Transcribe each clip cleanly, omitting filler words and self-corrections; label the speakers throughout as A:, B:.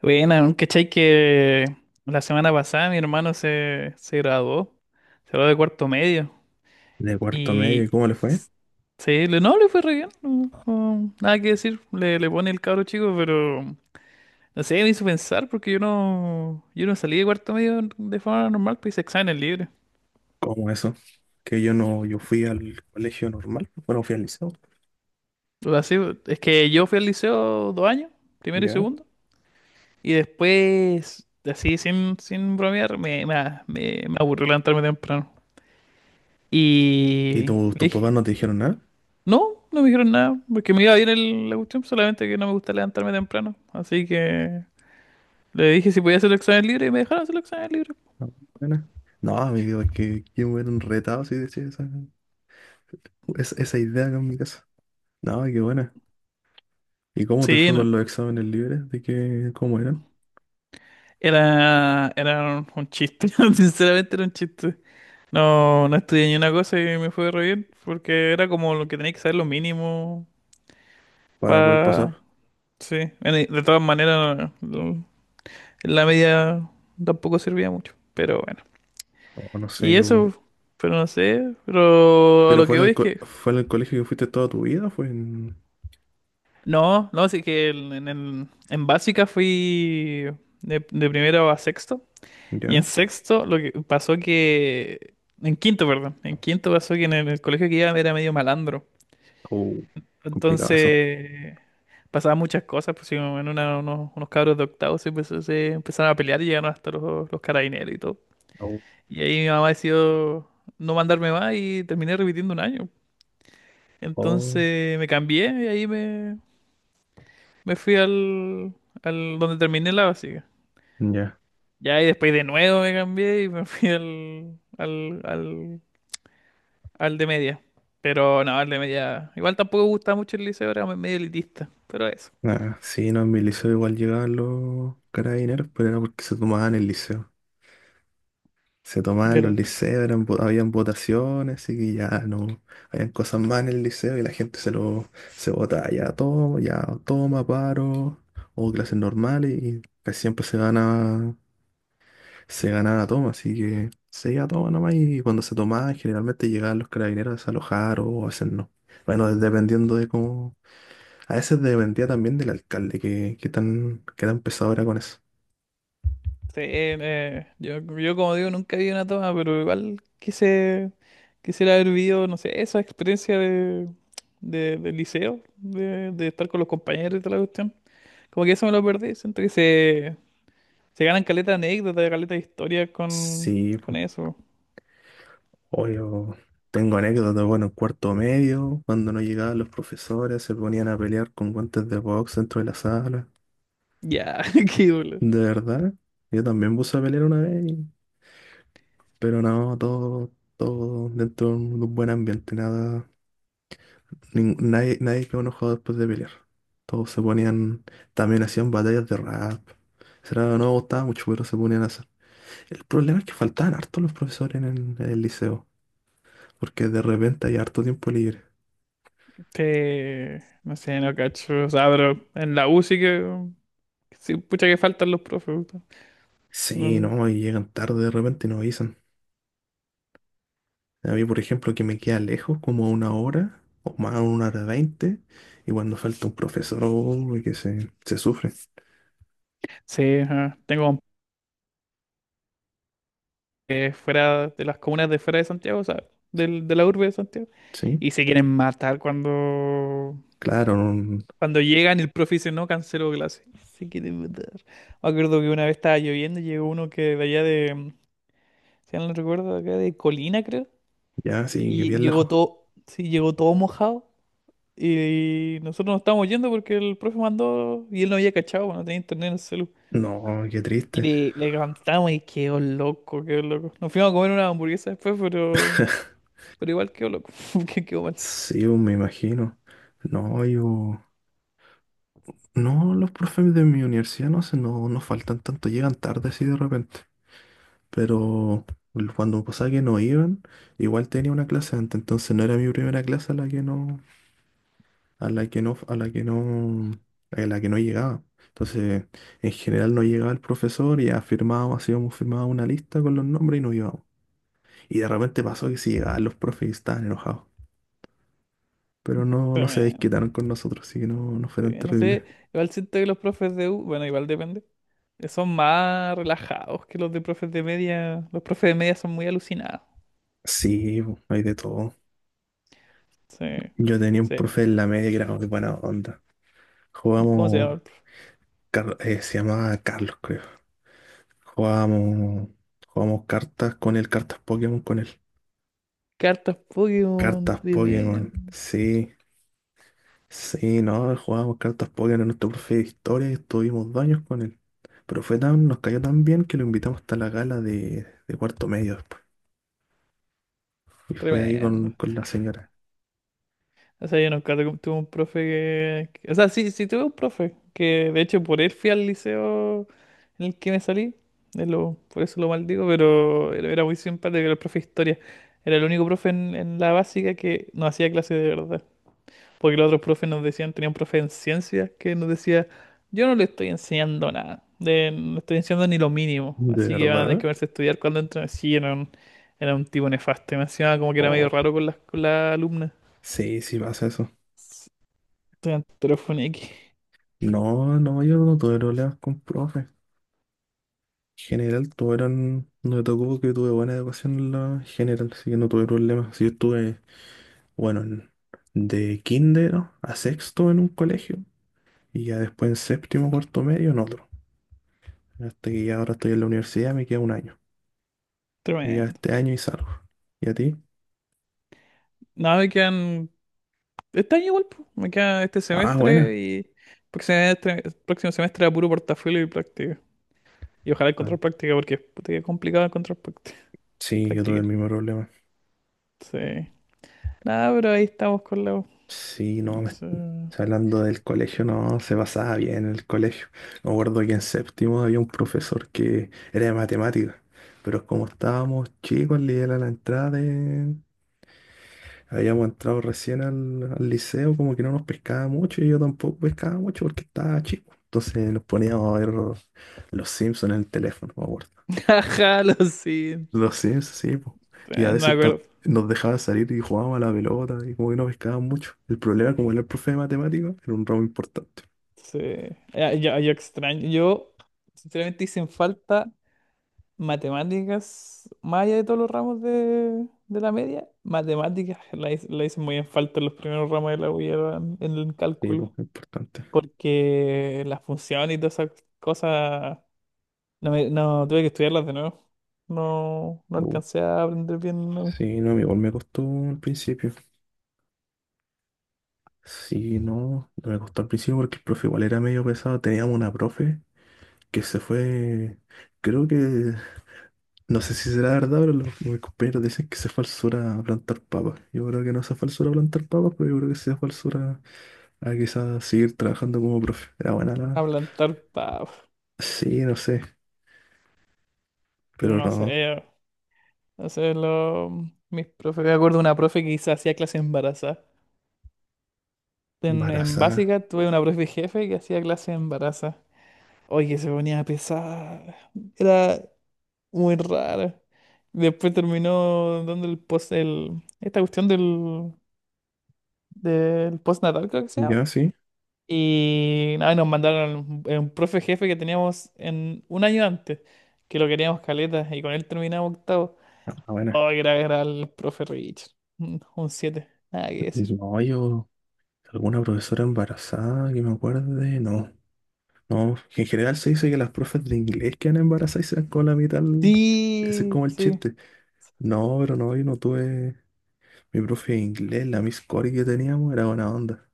A: Bueno, ¿cachai que la semana pasada mi hermano se graduó? Se graduó de cuarto medio.
B: De cuarto medio. ¿Y
A: Y
B: cómo le fue?
A: s- no, le fue re bien. No, nada que decir. Le pone el cabro chico, pero no sé, me hizo pensar porque yo no salí de cuarto medio de forma normal, pues hice exámenes libres.
B: ¿Cómo eso? Que yo no, yo fui al colegio normal, bueno, fui al liceo.
A: O sea, sí, es que yo fui al liceo dos años, primero y
B: ¿Ya?
A: segundo. Y después, así sin bromear, me aburrió levantarme temprano.
B: ¿Y
A: Y le
B: tus
A: dije,
B: papás no te dijeron nada?
A: no, no me dijeron nada, porque me iba bien la cuestión, solamente que no me gusta levantarme temprano. Así que le dije si podía hacer el examen libre y me dejaron hacer el examen libre.
B: No, nada. No, amigo, es que me hubieran retado si decía esa, esa idea acá en mi casa. No, qué buena. ¿Y cómo te
A: Sí,
B: fue
A: no,
B: con los exámenes libres? ¿De qué, cómo eran?
A: un chiste, sinceramente era un chiste. No, no estudié ni una cosa y me fue re bien, porque era como lo que tenía que saber lo mínimo
B: Para poder
A: para...
B: pasar.
A: Sí, bueno, y de todas maneras, la media tampoco servía mucho, pero bueno.
B: No, no sé,
A: Y
B: yo.
A: eso, pero no sé, pero a
B: ¿Pero
A: lo
B: fue
A: que
B: en
A: voy
B: el,
A: es que...
B: fue en el colegio que fuiste toda tu vida? ¿Fue en...
A: No, no, así que en básica fui de primero a sexto. Y en
B: ¿Ya?
A: sexto lo que pasó que... En quinto, perdón. En quinto pasó que en el colegio que iba era medio malandro.
B: Oh, complicado eso.
A: Entonces pasaban muchas cosas, pues sí, como en unos cabros de octavo se empezaron a pelear y llegaron hasta los carabineros y todo.
B: Oh,
A: Y ahí mi mamá decidió no mandarme más y terminé repitiendo un año.
B: oh.
A: Entonces me cambié y ahí me, me fui al, al donde terminé la básica.
B: Ya.
A: Ya, y después de nuevo me cambié y me fui al de media. Pero no, al de media. Igual tampoco me gusta mucho el liceo, era medio elitista. Pero eso.
B: Ah, sí, no, en mi liceo igual llegaban los carabineros, pero era porque se tomaban el liceo. Se tomaban los
A: ¿Verdad?
B: liceos, eran, habían votaciones, y que ya no, habían cosas más en el liceo y la gente se lo, se votaba, ya toma, paro, o clases normales, y casi siempre se gana, se ganaba toma, así que se iba a toma nomás, y cuando se tomaban generalmente llegaban los carabineros a desalojar o a hacer no. Bueno, dependiendo de cómo a veces dependía también del alcalde, que tan pesado era con eso.
A: Sí, yo como digo, nunca vi una toma, pero igual quisiera haber vivido, no sé, esa experiencia del liceo, de estar con los compañeros y toda la cuestión. Como que eso me lo perdí, siento que se ganan caleta de anécdotas, caleta de historias
B: Sí,
A: con
B: pues,
A: eso.
B: o yo tengo anécdotas, bueno, en cuarto medio, cuando no llegaban los profesores, se ponían a pelear con guantes de box dentro de la sala.
A: Ya, qué duro.
B: De verdad, yo también puse a pelear una vez, pero no, todo dentro de un buen ambiente, nada, nin- nadie, nadie quedó enojado después de pelear. Todos se ponían, también hacían batallas de rap. Será, no me gustaba mucho, pero se ponían a. El problema es que faltaban harto los profesores en el liceo, porque de repente hay harto tiempo libre.
A: No sé, no cacho. O sea, pero en la U sí que. Sí, pucha que faltan los profes. Puta.
B: Sí,
A: Mm,
B: no, y llegan tarde de repente y nos avisan. A mí, por ejemplo, que me queda lejos como a una hora o más una hora veinte, y cuando falta un profesor, uy, se sufre,
A: sí, ajá. Que fuera de las comunas de fuera de Santiago, o sea, de la urbe de Santiago.
B: ¿sí?
A: Y se quieren matar cuando.
B: Claro, no,
A: Cuando llegan, el profe dice, no, canceló clase. Se quieren matar. Me acuerdo que una vez estaba lloviendo y llegó uno que de allá de. Si no recuerdo, acá de Colina, creo.
B: ya, sí, que
A: Y
B: bien
A: llegó
B: lejos.
A: todo, sí, llegó todo mojado. Y nosotros nos estábamos yendo porque el profe mandó y él no había cachado, no tenía internet en el celu.
B: No, qué
A: Y
B: triste.
A: le cantamos y quedó loco, quedó loco. Nos fuimos a comer una hamburguesa después, pero igual quedó loco, porque quedó mal.
B: Sí, oh, me imagino. No, yo... No, los profes de mi universidad no, no, no faltan tanto, llegan tarde así de repente, pero cuando pasaba que no iban, igual tenía una clase antes, entonces no era mi primera clase a la que no, a la que no, a la que no, a la que no llegaba. Entonces, en general no llegaba el profesor y afirmábamos, hacíamos firmaba una lista con los nombres y no íbamos. Y de repente pasó que sí llegaban los profes y estaban enojados. Pero no, no se
A: Tremendo.
B: desquitaron con nosotros, así que no, no fue
A: Sí,
B: tan
A: no sé,
B: terrible.
A: igual siento que los profes de U, bueno, igual depende, son más relajados que los de profes de media. Los profes de media son muy alucinados.
B: Sí, po, hay de todo.
A: Sí, no
B: Yo tenía un
A: sé,
B: profe en la media que era muy buena onda.
A: ¿cómo se llama
B: Jugamos,
A: el profe?
B: Se llamaba Carlos, creo. Jugamos, jugamos cartas con él, cartas Pokémon con él.
A: Cartas Pokémon,
B: Cartas Pokémon,
A: tremendo.
B: sí, sí, no, jugábamos cartas Pokémon en nuestro profe de historia y estuvimos dos años con él. Pero fue tan, nos cayó tan bien que lo invitamos hasta la gala de cuarto medio después. Y fue ahí
A: Tremendo.
B: con la señora.
A: O sea, yo nunca tuve un profe que... que... O sea, sí, sí tuve un profe, que de hecho por él fui al liceo en el que me salí, por eso lo maldigo, pero era muy simpático, era el profe de historia. Era el único profe en la básica que nos hacía clase de verdad. Porque los otros profes nos decían, tenía un profe en ciencias que nos decía, yo no le estoy enseñando nada, no le estoy enseñando ni lo mínimo,
B: ¿De
A: así que van a tener
B: verdad?
A: que verse a estudiar cuando entren. Sí, era un tipo nefasto, y me encima como que era medio
B: Oh,
A: raro con las, con la alumna.
B: sí, sí pasa eso.
A: Estudiante de telefonía.
B: No, no, yo no tuve problemas con profe. En general tuvieron, no me tocó porque tuve buena educación en la general, así que no tuve problemas. Si yo estuve bueno, de kinder a sexto en un colegio y ya después en séptimo, cuarto medio en otro. Hasta que ya ahora estoy en la universidad, me queda un año. Me queda
A: Tremendo.
B: este año y salgo. ¿Y a ti?
A: No, me quedan. Este año igual, po. Me queda este
B: Ah, bueno.
A: semestre y. Próximo próximo semestre a puro portafolio y práctica. Y ojalá
B: Ah,
A: encontrar práctica porque puta que es complicado encontrar práctica.
B: sí, yo tuve el
A: Práctica.
B: mismo problema.
A: Sí. Nada, pero ahí estamos con la U.
B: Sí, no, me
A: Sí.
B: hablando del colegio, no, se pasaba bien en el colegio. Me acuerdo que en séptimo había un profesor que era de matemáticas, pero como estábamos chicos, le era la entrada de. Habíamos entrado recién al liceo, como que no nos pescaba mucho y yo tampoco pescaba mucho porque estaba chico. Entonces nos poníamos a ver Los Simpsons en el teléfono, me acuerdo.
A: Ajá, lo siento.
B: Los Sims sí, po. Y a
A: Tremendo, me
B: veces
A: acuerdo.
B: nos dejaba salir y jugábamos a la pelota y como que no pescaban mucho. El problema, como era el profe de matemáticas, era un ramo importante.
A: Sí. Ya, yo extraño. Yo, sinceramente, hice en falta. Matemáticas, más allá de todos los ramos de la media, matemáticas la hice muy en falta en los primeros ramos de la U y era en el
B: Sí, pues,
A: cálculo,
B: importante.
A: porque las funciones y todas esas cosas, no, no tuve que estudiarlas de nuevo. No, no
B: Uh,
A: alcancé a aprender bien no,
B: sí, no, igual me costó al principio. Sí, no, no me costó al principio porque el profe igual era medio pesado. Teníamos una profe que se fue, creo que, no sé si será verdad, pero los, mis compañeros dicen que se falsura plantar papas. Yo creo que no sea falsura plantar papas, pero yo creo que sea falsura a quizás seguir trabajando como profe. Era buena la...
A: a plantar,
B: Sí, no sé, pero
A: no
B: no.
A: sé, no sé, lo, mis profes, me acuerdo de una profe hacía clase embarazada. En
B: Embarazada.
A: básica tuve una profe jefe que hacía clase embarazada. Oye, se ponía pesada. Era muy rara. Después terminó dando el post, el, esta cuestión del, del postnatal creo que se llama.
B: Ya, sí.
A: Y nada, nos mandaron a un profe jefe que teníamos en un año antes, que lo queríamos caleta, y con él terminamos octavo.
B: Ah, bueno.
A: Oh, era, era el profe Richard. Mm, un siete, nada que decir.
B: No, yo... ¿Alguna profesora embarazada que me acuerde? No. No, en general se dice que las profes de inglés quedan embarazadas y se dan con la mitad. Al. Ese es
A: Sí,
B: como el
A: sí.
B: chiste. No, pero no, yo no tuve... Mi profe de inglés, la Miss Cory que teníamos, era buena onda.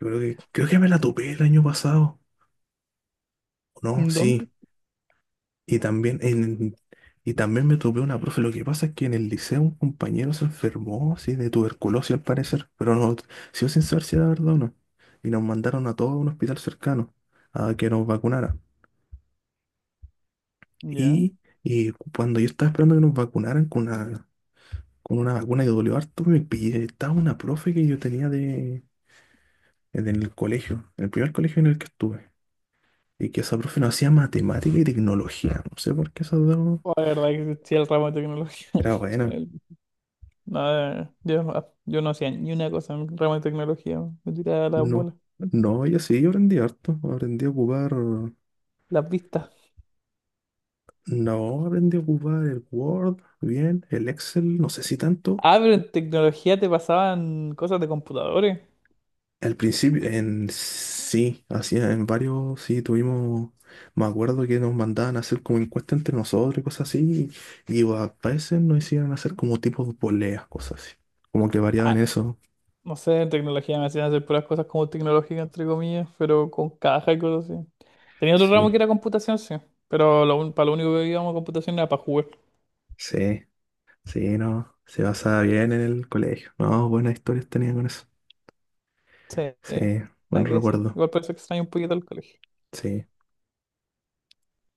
B: Yo creo que me la topé el año pasado, ¿o no?
A: ¿Dónde?
B: Sí. Y también, en, y también me topé una profe. Lo que pasa es que en el liceo un compañero se enfermó, sí, de tuberculosis al parecer. Pero no, sigo sin saber si era verdad o no. Y nos mandaron a todos a un hospital cercano a que nos vacunara.
A: Ya.
B: Y, y cuando yo estaba esperando que nos vacunaran con una vacuna que dolió harto, me pillé. Estaba una profe que yo tenía de, en el colegio, en el primer colegio en el que estuve. Y que esa profe no hacía matemática y tecnología. No sé por qué esa dos
A: Oh, la verdad que sí, el ramo de tecnología.
B: era buena.
A: No, yo no hacía ni una cosa en ramo de tecnología, me tiraba las
B: No,
A: bolas,
B: no, yo sí, yo aprendí harto. Aprendí a ocupar.
A: las vistas.
B: No, aprendí a ocupar el Word, bien, el Excel, no sé si tanto.
A: Ah, pero en tecnología te pasaban cosas de computadores.
B: Al principio, en sí, hacía en varios, sí, tuvimos. Me acuerdo que nos mandaban a hacer como encuestas entre nosotros y cosas así. Y a veces nos hicieron hacer como tipos de poleas, cosas así. Como que variaban
A: Ah,
B: eso.
A: no sé, en tecnología me hacían hacer puras cosas como tecnológicas, entre comillas, pero con caja y cosas así. Tenía otro ramo
B: Sí,
A: que era computación, sí, pero lo, para lo único que íbamos a computación era para jugar.
B: sí. Sí, no, se basaba bien en el colegio. No, buenas historias tenía con eso.
A: Sí,
B: Sí, buen
A: nada que decir.
B: recuerdo.
A: Igual por eso extraño un poquito el colegio.
B: Sí.